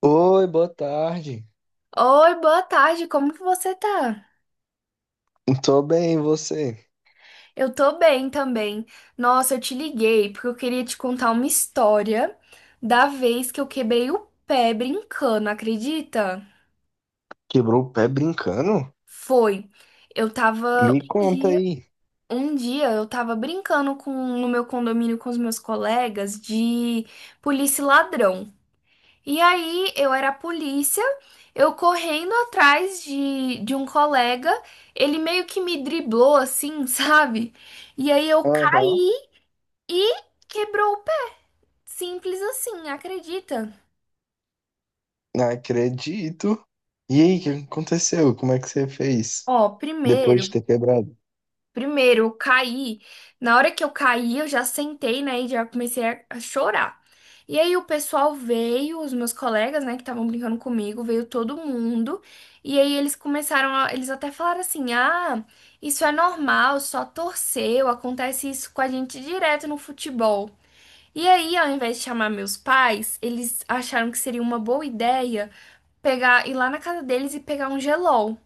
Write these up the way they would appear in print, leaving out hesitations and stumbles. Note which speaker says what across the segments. Speaker 1: Oi, boa tarde.
Speaker 2: Oi, boa tarde, como que você tá?
Speaker 1: Tô bem, e você?
Speaker 2: Eu tô bem também. Nossa, eu te liguei porque eu queria te contar uma história da vez que eu quebrei o pé brincando, acredita?
Speaker 1: Quebrou o pé brincando?
Speaker 2: Foi. Eu tava
Speaker 1: Me conta aí.
Speaker 2: um dia eu tava brincando com no meu condomínio com os meus colegas de polícia e ladrão. E aí, eu era a polícia, eu correndo atrás de um colega, ele meio que me driblou assim, sabe? E aí eu
Speaker 1: Aham,
Speaker 2: caí e quebrou o pé. Simples assim, acredita?
Speaker 1: acredito. E aí, o que aconteceu? Como é que você fez
Speaker 2: Ó,
Speaker 1: depois
Speaker 2: primeiro.
Speaker 1: de ter quebrado?
Speaker 2: Primeiro, eu caí. Na hora que eu caí, eu já sentei, né? E já comecei a chorar. E aí o pessoal veio, os meus colegas, né, que estavam brincando comigo, veio todo mundo. E aí eles começaram a, eles até falaram assim: "Ah, isso é normal, só torceu, acontece isso com a gente direto no futebol". E aí, ao invés de chamar meus pais, eles acharam que seria uma boa ideia pegar ir lá na casa deles e pegar um gelol.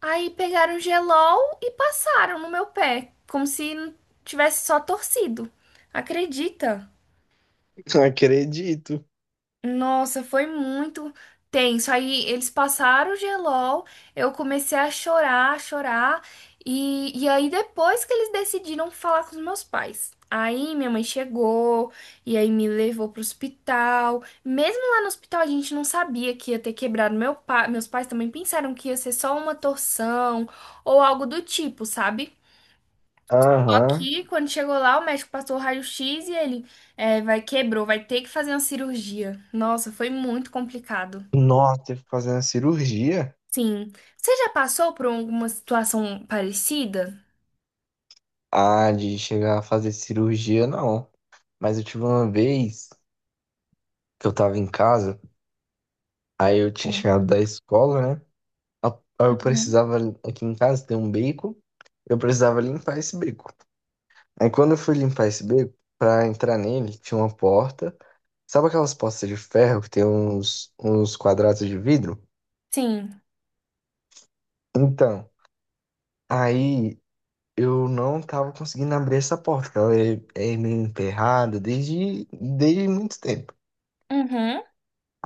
Speaker 2: Aí pegaram gelol e passaram no meu pé, como se tivesse só torcido. Acredita?
Speaker 1: Acredito.
Speaker 2: Nossa, foi muito tenso. Aí eles passaram o gelol, eu comecei a chorar, a chorar. E aí depois que eles decidiram falar com os meus pais. Aí minha mãe chegou e aí me levou pro hospital. Mesmo lá no hospital a gente não sabia que ia ter quebrado meu pai. Meus pais também pensaram que ia ser só uma torção ou algo do tipo, sabe? Só
Speaker 1: Aham.
Speaker 2: que quando chegou lá, o médico passou o raio-x e ele é, vai quebrou, vai ter que fazer uma cirurgia. Nossa, foi muito complicado.
Speaker 1: Nossa, teve que fazer uma cirurgia?
Speaker 2: Sim. Você já passou por alguma situação parecida?
Speaker 1: Ah, de chegar a fazer cirurgia, não. Mas eu tive uma vez que eu tava em casa, aí eu tinha
Speaker 2: Sim.
Speaker 1: chegado da escola, né? Eu
Speaker 2: Uhum.
Speaker 1: precisava aqui em casa ter um beco, eu precisava limpar esse beco. Aí quando eu fui limpar esse beco, pra entrar nele, tinha uma porta. Sabe aquelas portas de ferro que tem uns, uns quadrados de vidro?
Speaker 2: Sim.
Speaker 1: Então, aí eu não tava conseguindo abrir essa porta, porque ela é meio emperrada desde muito tempo.
Speaker 2: Uhum.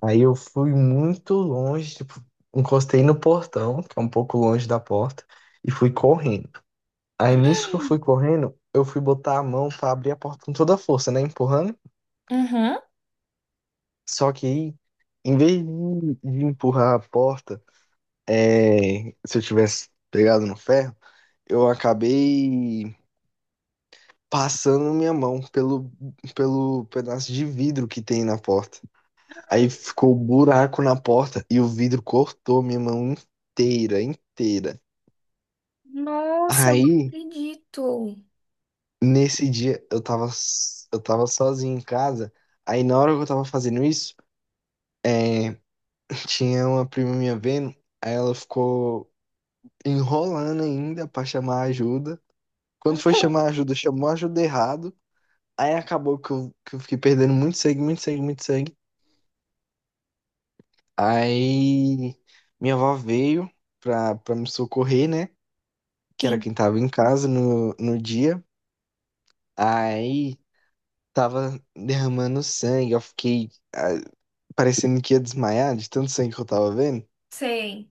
Speaker 1: Aí eu fui muito longe, tipo, encostei no portão, que é um pouco longe da porta, e fui correndo. Aí nisso que eu fui correndo, eu fui botar a mão pra abrir a porta com toda a força, né? Empurrando.
Speaker 2: Uhum.
Speaker 1: Só que aí, em vez de empurrar a porta, é, se eu tivesse pegado no ferro, eu acabei passando minha mão pelo, pelo pedaço de vidro que tem na porta. Aí ficou um buraco na porta e o vidro cortou minha mão inteira, inteira.
Speaker 2: Nossa, eu não
Speaker 1: Aí,
Speaker 2: acredito.
Speaker 1: nesse dia, eu tava, eu tava sozinho em casa. Aí na hora que eu tava fazendo isso, é, tinha uma prima minha vendo, aí ela ficou enrolando ainda pra chamar ajuda. Quando foi chamar ajuda, chamou ajuda errado. Aí acabou que eu fiquei perdendo muito sangue, muito sangue, muito sangue. Aí minha avó veio pra me socorrer, né? Que era
Speaker 2: Sim,
Speaker 1: quem tava em casa no, no dia. Aí tava derramando sangue, eu fiquei ah, parecendo que ia desmaiar de tanto sangue que eu tava vendo.
Speaker 2: sei.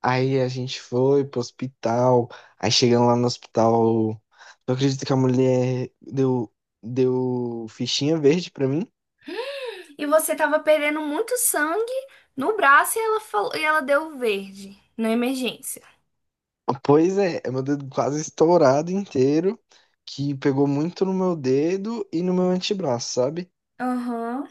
Speaker 1: Aí a gente foi pro hospital. Aí chegando lá no hospital, tu acredita que a mulher deu, deu fichinha verde pra mim?
Speaker 2: E você tava perdendo muito sangue no braço e ela falou, e ela deu o verde na emergência.
Speaker 1: Pois é, é meu dedo quase estourado inteiro, que pegou muito no meu dedo e no meu antebraço, sabe?
Speaker 2: Aham,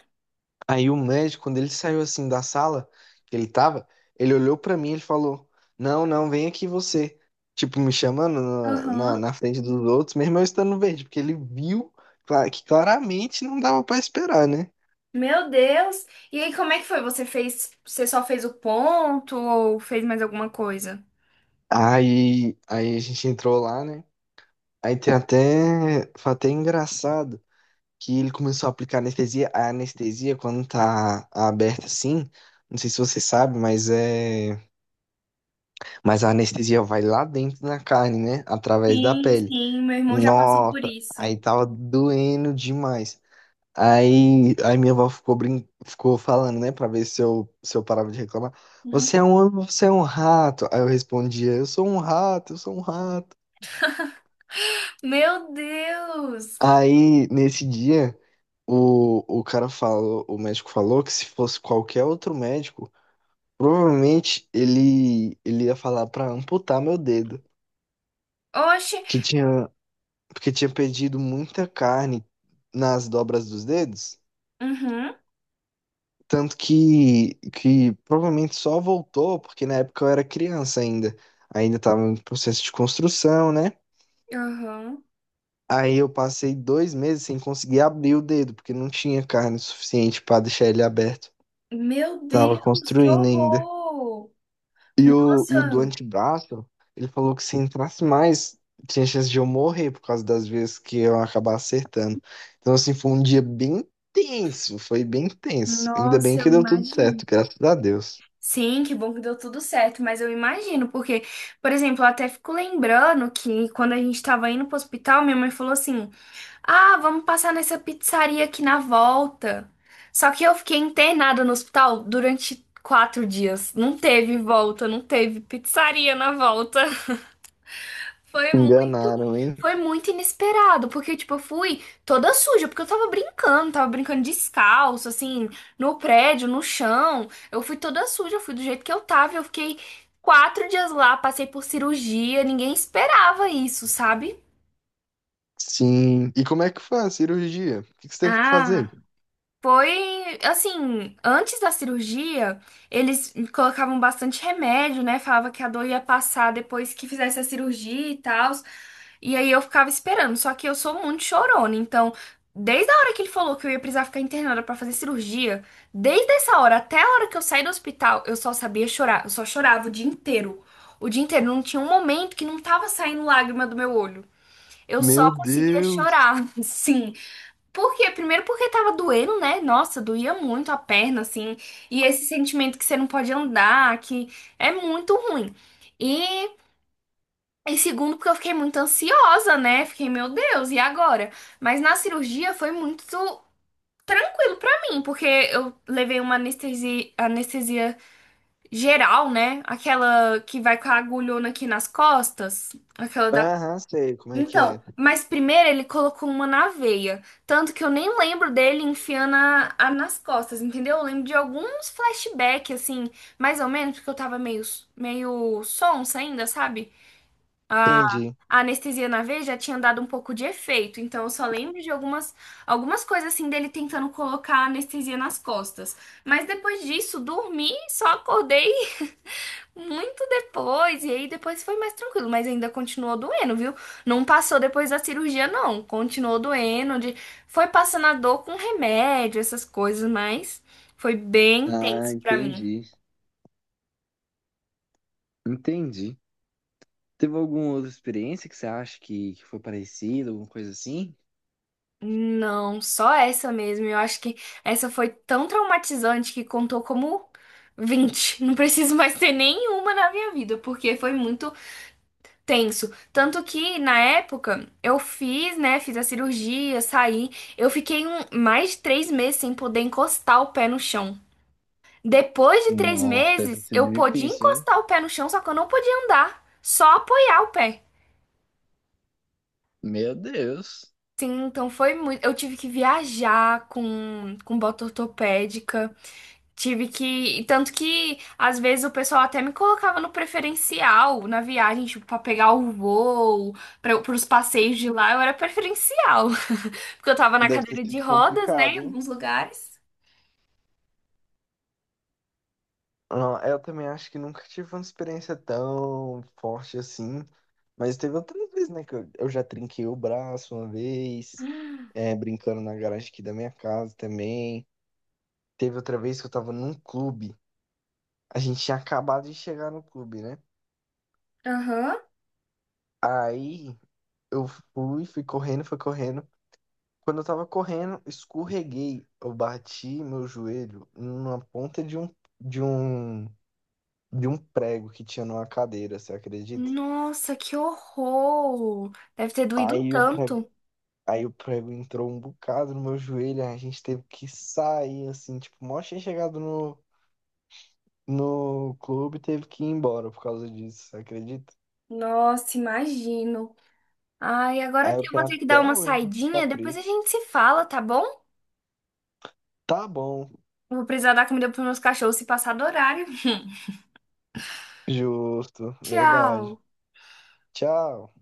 Speaker 1: Aí o médico, quando ele saiu assim da sala que ele tava, ele olhou pra mim e ele falou: "Não, não, vem aqui você." Tipo, me chamando na, na,
Speaker 2: aham.
Speaker 1: na frente dos outros, mesmo eu estando verde, porque ele viu que claramente não dava pra esperar, né?
Speaker 2: Meu Deus! E aí, como é que foi? Você fez, você só fez o ponto ou fez mais alguma coisa?
Speaker 1: Aí, aí a gente entrou lá, né? Aí tem até, foi até engraçado que ele começou a aplicar anestesia. A anestesia, quando tá aberta assim, não sei se você sabe, mas é. Mas a anestesia vai lá dentro na carne, né? Através da
Speaker 2: Sim,
Speaker 1: pele.
Speaker 2: sim, meu irmão já passou por
Speaker 1: Nossa,
Speaker 2: isso.
Speaker 1: aí tava doendo demais. Aí, aí minha avó ficou, ficou falando, né? Pra ver se eu, se eu parava de reclamar.
Speaker 2: Uhum.
Speaker 1: Você é um rato. Aí eu respondia, eu sou um rato, eu sou um rato.
Speaker 2: Meu Deus!
Speaker 1: Aí, nesse dia, o cara falou, o médico falou que se fosse qualquer outro médico, provavelmente ele, ele ia falar pra amputar meu dedo.
Speaker 2: Oxe!
Speaker 1: Que tinha porque tinha perdido muita carne nas dobras dos dedos,
Speaker 2: Uhum,
Speaker 1: tanto que provavelmente só voltou, porque na época eu era criança ainda, ainda estava em processo de construção, né?
Speaker 2: uhum.
Speaker 1: Aí eu passei 2 meses sem conseguir abrir o dedo, porque não tinha carne suficiente para deixar ele aberto.
Speaker 2: Meu
Speaker 1: Tava
Speaker 2: Deus, que
Speaker 1: construindo ainda.
Speaker 2: horror!
Speaker 1: E o do
Speaker 2: Nossa,
Speaker 1: antebraço, ele falou que se entrasse mais, tinha chance de eu morrer por causa das vezes que eu acabar acertando. Então, assim, foi um dia bem tenso, foi bem tenso. Ainda bem
Speaker 2: nossa,
Speaker 1: que
Speaker 2: eu
Speaker 1: deu tudo
Speaker 2: imagino.
Speaker 1: certo, graças a Deus.
Speaker 2: Sim, que bom que deu tudo certo, mas eu imagino, porque, por exemplo, eu até fico lembrando que quando a gente tava indo pro hospital, minha mãe falou assim. Ah, vamos passar nessa pizzaria aqui na volta. Só que eu fiquei internada no hospital durante 4 dias. Não teve volta, não teve pizzaria na volta. Foi muito,
Speaker 1: Enganaram, hein?
Speaker 2: foi muito inesperado, porque, tipo, eu fui toda suja, porque eu tava brincando descalço, assim, no prédio, no chão. Eu fui toda suja, eu fui do jeito que eu tava. Eu fiquei 4 dias lá, passei por cirurgia, ninguém esperava isso, sabe?
Speaker 1: Sim. E como é que foi a cirurgia? O que que você teve que fazer?
Speaker 2: Ah. Foi assim, antes da cirurgia, eles colocavam bastante remédio, né? Falava que a dor ia passar depois que fizesse a cirurgia e tal. E aí eu ficava esperando. Só que eu sou muito chorona, então, desde a hora que ele falou que eu ia precisar ficar internada pra fazer cirurgia, desde essa hora até a hora que eu saí do hospital, eu só sabia chorar. Eu só chorava o dia inteiro. O dia inteiro, não tinha um momento que não tava saindo lágrima do meu olho. Eu
Speaker 1: Meu
Speaker 2: só conseguia
Speaker 1: Deus.
Speaker 2: chorar, sim. Porque, primeiro porque tava doendo, né? Nossa, doía muito a perna, assim. E esse sentimento que você não pode andar, que é muito ruim. E, e segundo, porque eu fiquei muito ansiosa, né? Fiquei, meu Deus, e agora? Mas na cirurgia foi muito tranquilo pra mim, porque eu levei uma anestesia, anestesia geral, né? Aquela que vai com a agulhona aqui nas costas, aquela da
Speaker 1: Aham, sei como é que é.
Speaker 2: então, mas primeiro ele colocou uma na veia. Tanto que eu nem lembro dele enfiando a nas costas, entendeu? Eu lembro de alguns flashbacks, assim, mais ou menos, porque eu tava meio, meio sonsa ainda, sabe? A,
Speaker 1: Entendi.
Speaker 2: a anestesia na veia já tinha dado um pouco de efeito. Então eu só lembro de algumas, algumas coisas, assim, dele tentando colocar a anestesia nas costas. Mas depois disso, dormi, só acordei muito depois, e aí depois foi mais tranquilo, mas ainda continuou doendo, viu? Não passou depois da cirurgia, não. Continuou doendo, de... foi passando a dor com remédio, essas coisas, mas foi bem
Speaker 1: Ah,
Speaker 2: intenso pra mim.
Speaker 1: entendi. Entendi. Teve alguma outra experiência que você acha que foi parecida, alguma coisa assim?
Speaker 2: Não, só essa mesmo. Eu acho que essa foi tão traumatizante que contou como 20. Não preciso mais ter nenhuma na minha vida, porque foi muito tenso. Tanto que, na época, eu fiz, né? Fiz a cirurgia, saí. Eu fiquei um, mais de 3 meses sem poder encostar o pé no chão. Depois de três
Speaker 1: Nossa, deve ter
Speaker 2: meses,
Speaker 1: sido
Speaker 2: eu podia
Speaker 1: difícil, hein?
Speaker 2: encostar o pé no chão, só que eu não podia andar. Só apoiar o pé.
Speaker 1: Meu Deus.
Speaker 2: Sim, então foi muito. Eu tive que viajar com bota ortopédica. Tive que. E tanto que, às vezes, o pessoal até me colocava no preferencial na viagem, tipo, pra pegar o voo para os passeios de lá, eu era preferencial. Porque eu tava na
Speaker 1: Deve ter
Speaker 2: cadeira
Speaker 1: sido
Speaker 2: de rodas, né,
Speaker 1: complicado,
Speaker 2: em
Speaker 1: hein?
Speaker 2: alguns lugares.
Speaker 1: Ah, eu também acho que nunca tive uma experiência tão forte assim. Mas teve outras vezes, né? Que eu já trinquei o braço uma vez, é, brincando na garagem aqui da minha casa também. Teve outra vez que eu tava num clube. A gente tinha acabado de chegar no clube, né?
Speaker 2: Aham.
Speaker 1: Aí eu fui, fui correndo, fui correndo. Quando eu tava correndo, escorreguei. Eu bati meu joelho numa ponta de um, de um, de um prego que tinha numa cadeira, você acredita?
Speaker 2: Nossa, que horror! Deve ter doído
Speaker 1: Aí o prego,
Speaker 2: tanto.
Speaker 1: aí o prego entrou um bocado no meu joelho, aí a gente teve que sair, assim, tipo, mó tinha chegado no, no clube, teve que ir embora por causa disso, você acredita?
Speaker 2: Nossa, imagino. Ai, agora
Speaker 1: Aí eu
Speaker 2: eu vou
Speaker 1: tenho
Speaker 2: ter que dar
Speaker 1: até
Speaker 2: uma
Speaker 1: hoje essa
Speaker 2: saidinha, depois a
Speaker 1: cicatriz.
Speaker 2: gente se fala, tá bom?
Speaker 1: Tá bom,
Speaker 2: Eu vou precisar dar comida pros meus cachorros se passar do horário.
Speaker 1: justo, verdade.
Speaker 2: Tchau!
Speaker 1: Tchau.